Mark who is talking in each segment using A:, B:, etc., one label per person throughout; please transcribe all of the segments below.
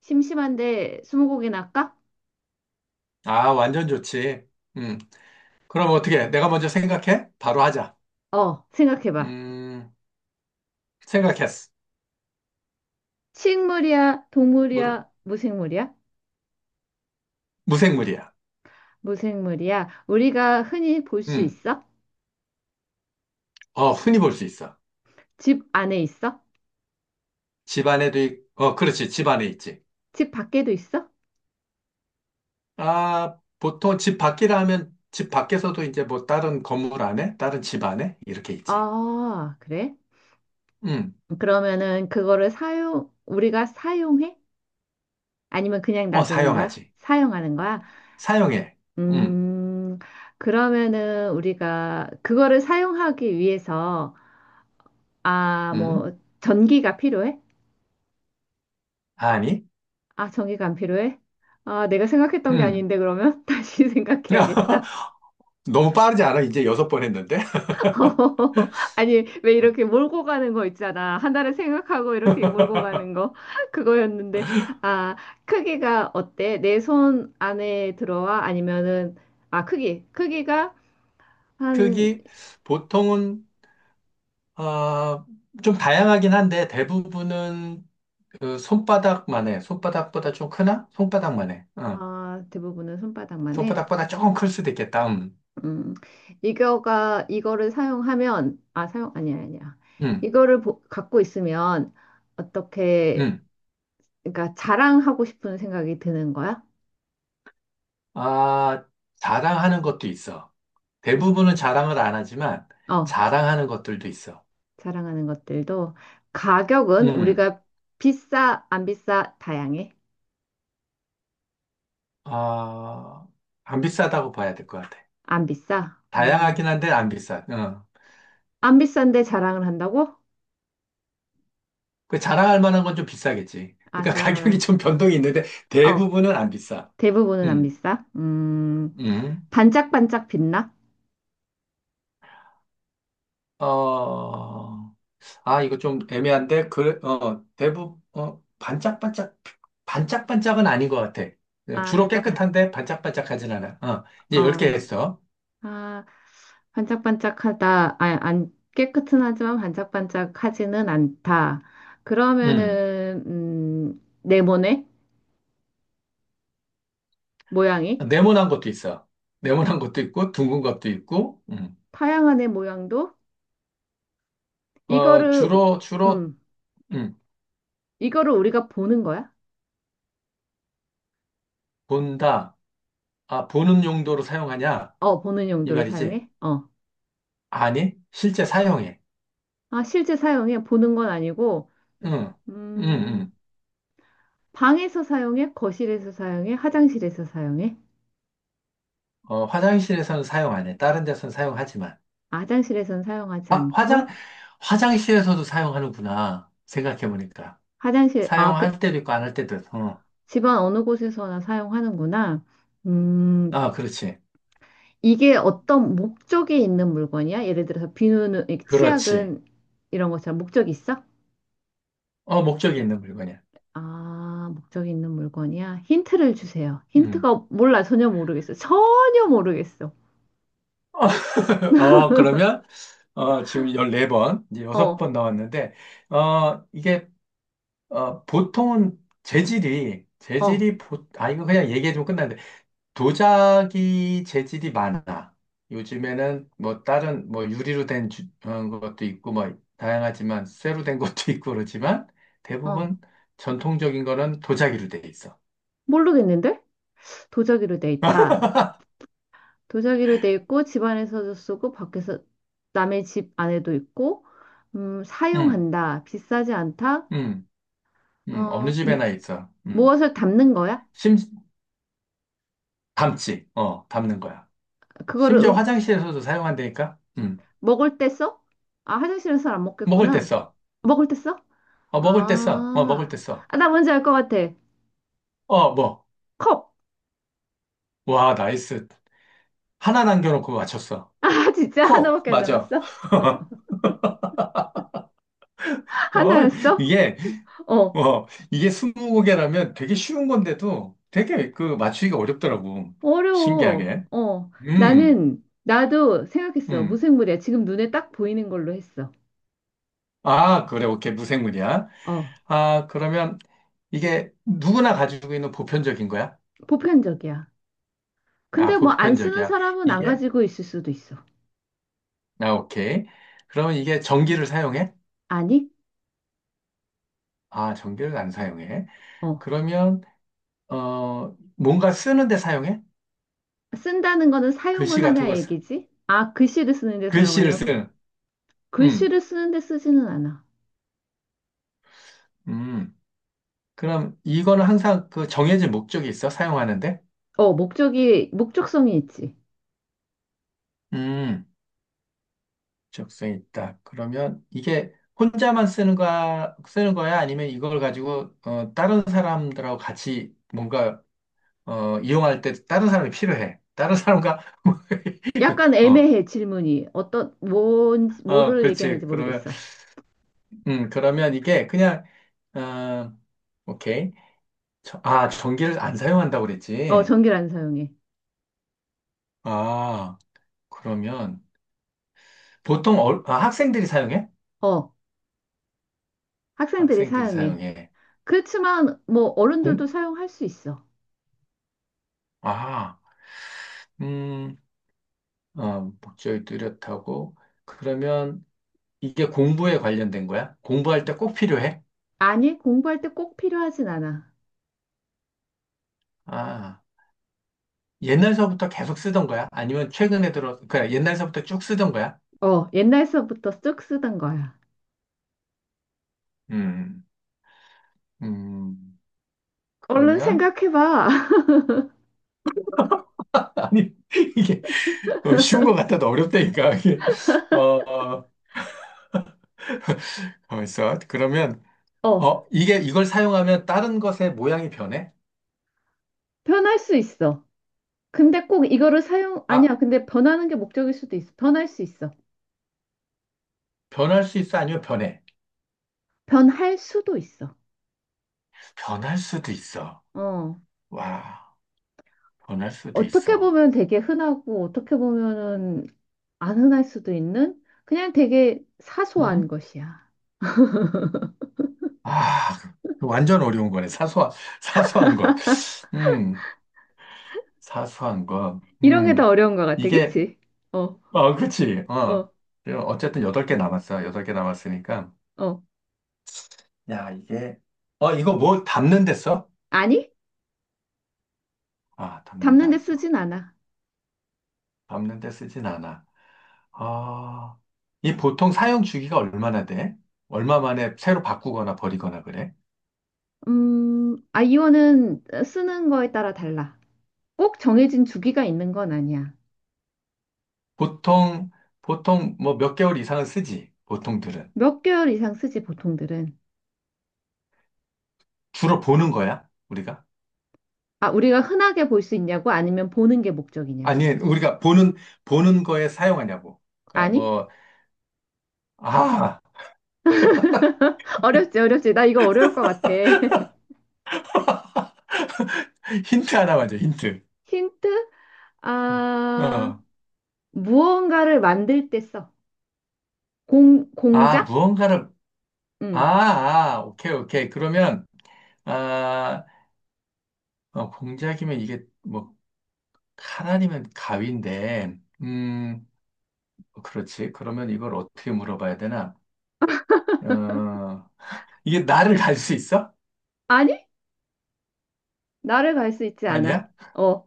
A: 심심한데 스무고개 할까?
B: 아, 완전 좋지. 음. 그럼 어떻게? 해? 내가 먼저 생각해? 바로 하자.
A: 어, 생각해봐.
B: 음, 생각했어.
A: 식물이야,
B: 물,
A: 동물이야, 무생물이야?
B: 무생물이야.
A: 무생물이야. 우리가 흔히 볼 수
B: 음.
A: 있어?
B: 흔히 볼 수 있어.
A: 집 안에 있어?
B: 집 안에도, 그렇지. 집 안에 있지.
A: 집 밖에도 있어?
B: 아, 보통 집 밖이라 하면 집 밖에서도 이제 뭐 다른 건물 안에, 다른 집 안에 이렇게 있지.
A: 아, 그래?
B: 음.
A: 그러면은 그거를 우리가 사용해? 아니면 그냥 놔두는 거야?
B: 사용하지.
A: 사용하는 거야?
B: 사용해. 음.
A: 음, 그러면은 우리가 그거를 사용하기 위해서, 아,
B: 음.
A: 뭐, 전기가 필요해?
B: 아니.
A: 아, 정의가 안 필요해? 아, 내가 생각했던 게
B: 음.
A: 아닌데, 그러면? 다시 생각해야겠다.
B: 너무 빠르지 않아? 이제 여섯 번 했는데.
A: 아니, 왜 이렇게 몰고 가는 거 있잖아. 하나를 생각하고 이렇게 몰고 가는 거. 그거였는데, 아, 크기가 어때? 내 손 안에 들어와? 아니면은, 아, 크기. 크기가 한,
B: 크기 보통은 아, 좀 다양하긴 한데 대부분은 그 손바닥만 해. 손바닥보다 좀 크나? 손바닥만 해. 어.
A: 아, 대부분은 손바닥만 해.
B: 손바닥보다 조금 클 수도 있겠다. 음.
A: 음, 이거를 사용하면, 아니야, 아니야.
B: 음.
A: 이거를 갖고 있으면, 어떻게,
B: 음.
A: 그러니까 자랑하고 싶은 생각이 드는 거야?
B: 아, 자랑하는 것도 있어. 대부분은
A: 음,
B: 자랑을 안 하지만
A: 어,
B: 자랑하는 것들도 있어.
A: 자랑하는 것들도 가격은
B: 음.
A: 우리가 비싸, 안 비싸, 다양해.
B: 아, 안 비싸다고 봐야 될 것 같아.
A: 안 비싸.
B: 다양하긴 한데 안 비싸. 어.
A: 안 비싼데 자랑을 한다고?
B: 그 자랑할 만한 건 좀 비싸겠지.
A: 아,
B: 그러니까 가격이 좀 변동이 있는데
A: 어,
B: 대부분은 안 비싸.
A: 대부분은 안
B: 음.
A: 비싸.
B: 음.
A: 반짝반짝 빛나?
B: 어, 이거 좀 애매한데, 대부분, 반짝반짝은 아닌 것 같아. 네,
A: 아,
B: 주로 깨끗한데 반짝반짝하진 않아. 어, 이제 열 개
A: 어,
B: 했어.
A: 아, 반짝반짝하다. 아, 안 깨끗은 하지만 반짝반짝하지는 않다.
B: 음,
A: 그러면은, 네모네? 모양이?
B: 네모난 것도 있어. 네모난 것도 있고, 둥근 것도 있고.
A: 타양안의 모양도? 이거를,
B: 주로,
A: 음,
B: 음,
A: 이거를 우리가 보는 거야?
B: 본다. 아, 보는 용도로 사용하냐?
A: 어, 보는
B: 이
A: 용도로
B: 말이지.
A: 사용해? 어.
B: 아니, 실제 사용해.
A: 아, 실제 사용해? 보는 건 아니고,
B: 응, 응,
A: 음,
B: 응.
A: 방에서 사용해? 거실에서 사용해? 화장실에서 사용해?
B: 화장실에서는 사용 안 해. 다른 데서는 사용하지만.
A: 아, 화장실에서는 사용하지
B: 아, 화장,
A: 않고,
B: 화장실에서도 사용하는구나. 생각해보니까.
A: 화장실, 아, 그,
B: 사용할 때도 있고 안 할 때도 있고. 어.
A: 집안 어느 곳에서나 사용하는구나. 음,
B: 아, 그렇지.
A: 이게 어떤 목적이 있는 물건이야? 예를 들어서 비누는, 이
B: 그렇지.
A: 치약은 이런 것처럼 목적이 있어?
B: 목적이 있는 물건이야.
A: 아, 목적이 있는 물건이야? 힌트를 주세요.
B: 음.
A: 힌트가 몰라. 전혀 모르겠어. 전혀 모르겠어.
B: 어, 그러면, 지금 14번, 이제
A: 어,
B: 6번 나왔는데, 어, 이게, 보통은 재질이,
A: 어,
B: 재질이, 보, 아, 이거 그냥 얘기해주면 끝나는데, 도자기 재질이 많아. 요즘에는 뭐 다른 뭐 유리로 된 것도 있고 뭐 다양하지만 쇠로 된 것도 있고 그렇지만
A: 어.
B: 대부분 전통적인 거는 도자기로 돼 있어.
A: 모르겠는데? 도자기로 돼 있다. 도자기로 돼 있고 집 안에서도 쓰고 밖에서 남의 집 안에도 있고
B: 음,
A: 사용한다. 비싸지 않다.
B: 음, 어느
A: 어,
B: 집에나 있어. 음,
A: 무엇을 담는 거야?
B: 심, 담지, 담는 거야.
A: 그거를
B: 심지어 화장실에서도 사용한다니까? 음,
A: 먹을 때 써? 아, 화장실에서 안
B: 먹을 때
A: 먹겠구나.
B: 써.
A: 먹을 때 써?
B: 어, 먹을 때 써. 어, 먹을 때
A: 아,
B: 써.
A: 아, 나 뭔지 알 것 같아.
B: 어, 뭐.
A: 컵.
B: 와, 나이스. 하나 남겨놓고 맞췄어.
A: 아, 진짜
B: 콕!
A: 하나밖에 안
B: 맞아.
A: 남았어?
B: 어,
A: 하나였어?
B: 이게,
A: 어,
B: 뭐, 이게 스무 곡이라면 되게 쉬운 건데도 되게 그 맞추기가 어렵더라고.
A: 어려워.
B: 신기하게.
A: 어,
B: 음,
A: 나도 생각했어.
B: 음.
A: 무생물이야. 지금 눈에 딱 보이는 걸로 했어.
B: 아, 그래, 오케이. 무생물이야.
A: 어,
B: 아, 그러면 이게 누구나 가지고 있는 보편적인 거야?
A: 보편적이야.
B: 아,
A: 근데 뭐 안 쓰는
B: 보편적이야.
A: 사람은 안
B: 이게,
A: 가지고 있을 수도 있어.
B: 오케이. 그러면 이게 전기를 사용해?
A: 아니?
B: 아, 전기를 안 사용해.
A: 어,
B: 그러면, 뭔가 쓰는데 사용해?
A: 쓴다는 거는
B: 글씨
A: 사용을
B: 같은
A: 하냐
B: 걸,
A: 얘기지? 아, 글씨를 쓰는데
B: 글씨를
A: 사용하냐고?
B: 쓰는. 음,
A: 글씨를 쓰는데 쓰지는 않아.
B: 음. 그럼 이거는 항상 그 정해진 목적이 있어? 사용하는데?
A: 어, 목적성이 있지.
B: 음, 적성이 있다. 그러면 이게 혼자만 쓰는 거야, 쓰는 거야? 아니면 이걸 가지고 다른 사람들하고 같이 뭔가 이용할 때 다른 사람이 필요해. 다른 사람과
A: 약간
B: 어,
A: 애매해, 질문이. 어떤, 뭐를
B: 그렇지.
A: 얘기하는지
B: 그러면
A: 모르겠어.
B: 음, 그러면 이게 그냥 어, 오케이. 전기를 안 사용한다고
A: 어,
B: 그랬지.
A: 전기를 안 사용해.
B: 아, 그러면 보통 학생들이 사용해?
A: 어, 학생들이
B: 학생들이
A: 사용해.
B: 사용해.
A: 그렇지만 뭐 어른들도
B: 공?
A: 사용할 수 있어.
B: 아, 음, 목적이 뚜렷하고. 그러면 이게 공부에 관련된 거야? 공부할 때 꼭 필요해?
A: 아니, 공부할 때 꼭 필요하진 않아.
B: 아, 옛날서부터 계속 쓰던 거야? 아니면 최근에 들어, 그냥 옛날서부터 쭉 쓰던 거야?
A: 어, 옛날서부터 쭉 쓰던 거야.
B: 음, 음,
A: 얼른
B: 그러면,
A: 생각해봐.
B: 아니, 이게 쉬운 것 같아도 어렵다니까. 어, 있어. 그러면,
A: 어,
B: 어, 이게, 이걸 사용하면 다른 것의 모양이 변해?
A: 변할 수 있어. 근데 꼭 이거를 사용,
B: 아,
A: 아니야. 근데 변하는 게 목적일 수도 있어. 변할 수 있어.
B: 변할 수 있어? 아니면 변해?
A: 변할 수도 있어.
B: 변할 수도 있어.
A: 어,
B: 와, 변할 수도
A: 어떻게
B: 있어.
A: 보면 되게 흔하고, 어떻게 보면은 안 흔할 수도 있는? 그냥 되게 사소한
B: 응?
A: 것이야.
B: 아, 그 완전 어려운 거네. 사소한, 사소한 것. 음, 사소한 것.
A: 이런 게 더 어려운 것 같아,
B: 이게,
A: 그치? 어,
B: 그치. 어.
A: 어,
B: 그럼 어쨌든 여덟 개 남았어. 여덟 개 남았으니까.
A: 어.
B: 야, 이거 뭐 담는 데 써?
A: 아니?
B: 아, 담는 데
A: 담는 데
B: 안 써.
A: 쓰진 않아.
B: 담는 데 쓰진 않아. 아, 이 보통 사용 주기가 얼마나 돼? 얼마 만에 새로 바꾸거나 버리거나 그래?
A: 아이오는 쓰는 거에 따라 달라. 꼭 정해진 주기가 있는 건 아니야.
B: 보통, 보통 뭐 몇 개월 이상은 쓰지, 보통들은.
A: 몇 개월 이상 쓰지, 보통들은.
B: 주로 보는 거야, 우리가?
A: 아, 우리가 흔하게 볼 수 있냐고? 아니면 보는 게 목적이냐고?
B: 아니, 우리가 보는 거에 사용하냐고. 그러니까
A: 아니?
B: 뭐, 아,
A: 어렵지, 어렵지. 나 이거 어려울 것 같아.
B: 힌트 하나 맞줘 힌트.
A: 힌트? 아,
B: 어.
A: 무언가를 만들 때 써. 공,
B: 아,
A: 공작?
B: 무언가를, 아,
A: 응.
B: 아, 오케이, 오케이. 그러면, 아, 공작이면 이게 뭐, 칼아니면 가위인데, 뭐 그렇지. 그러면 이걸 어떻게 물어봐야 되나? 어, 이게 나를 갈 수 있어?
A: 아니? 나를 갈 수 있지 않아.
B: 아니야?
A: 어,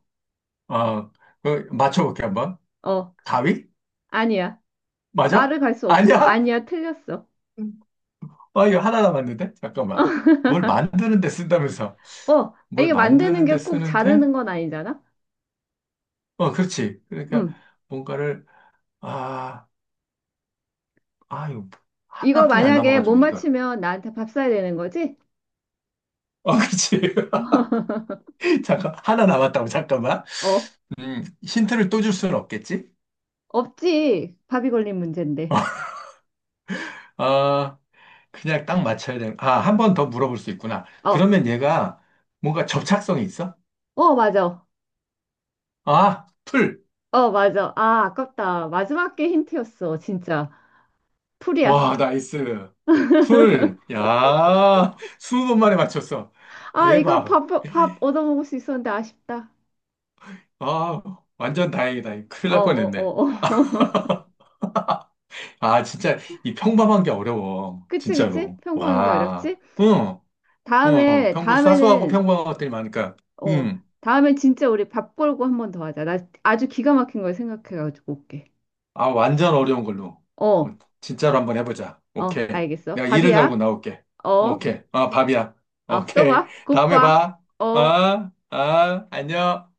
B: 아, 그 맞춰볼게 한번.
A: 어,
B: 가위?
A: 아니야.
B: 맞아?
A: 나를 갈 수 없어.
B: 아니야?
A: 아니야, 틀렸어.
B: 아, 이거 하나 남았는데? 잠깐만. 뭘 만드는 데 쓴다면서.
A: 어,
B: 뭘
A: 이게 만드는
B: 만드는
A: 게
B: 데
A: 꼭
B: 쓰는데?
A: 자르는 건 아니잖아?
B: 그렇지. 그러니까
A: 응.
B: 뭔가를, 아, 이거
A: 이거
B: 하나뿐이 안
A: 만약에 못
B: 남아가지고 이걸.
A: 맞추면 나한테 밥 사야 되는 거지?
B: 그렇지. 잠깐, 하나 남았다고, 잠깐만.
A: 어,
B: 힌트를 또 줄 수는 없겠지?
A: 없지. 밥이 걸린 문제인데.
B: 아, 그냥 딱 맞춰야 되는, 한 번 더 물어볼 수 있구나.
A: 어,
B: 그러면 얘가 뭔가 접착성이 있어?
A: 어, 맞아.
B: 아, 풀.
A: 어, 맞아. 아, 아깝다. 마지막 게 힌트였어. 진짜. 풀이야.
B: 와, 나이스. 풀. 야, 스무 번 만에 맞췄어.
A: 아, 이거
B: 대박.
A: 밥 얻어먹을 수 있었는데 아쉽다.
B: 아, 완전 다행이다. 큰일
A: 어,
B: 날
A: 어,
B: 뻔했네.
A: 어, 어.
B: 아, 진짜 이 평범한 게 어려워.
A: 그치, 그치?
B: 진짜로.
A: 평범한 게
B: 와.
A: 어렵지?
B: 응. 응. 평범 사소하고
A: 다음에는,
B: 평범한 것들이 많으니까.
A: 어,
B: 응.
A: 다음엔 진짜 우리 밥 걸고 한 번 더 하자. 나 아주 기가 막힌 걸 생각해가지고 올게.
B: 아, 완전 어려운 걸로. 어,
A: 어.
B: 진짜로 한번 해보자.
A: 어,
B: 오케이.
A: 알겠어.
B: 내가 이를 갈고
A: 밥이야.
B: 나올게.
A: 어, 어,
B: 오케이. 아, 밥이야.
A: 또
B: 오케이.
A: 봐.
B: 다음에
A: 굿밥.
B: 봐.
A: 어.
B: 아, 아, 안녕.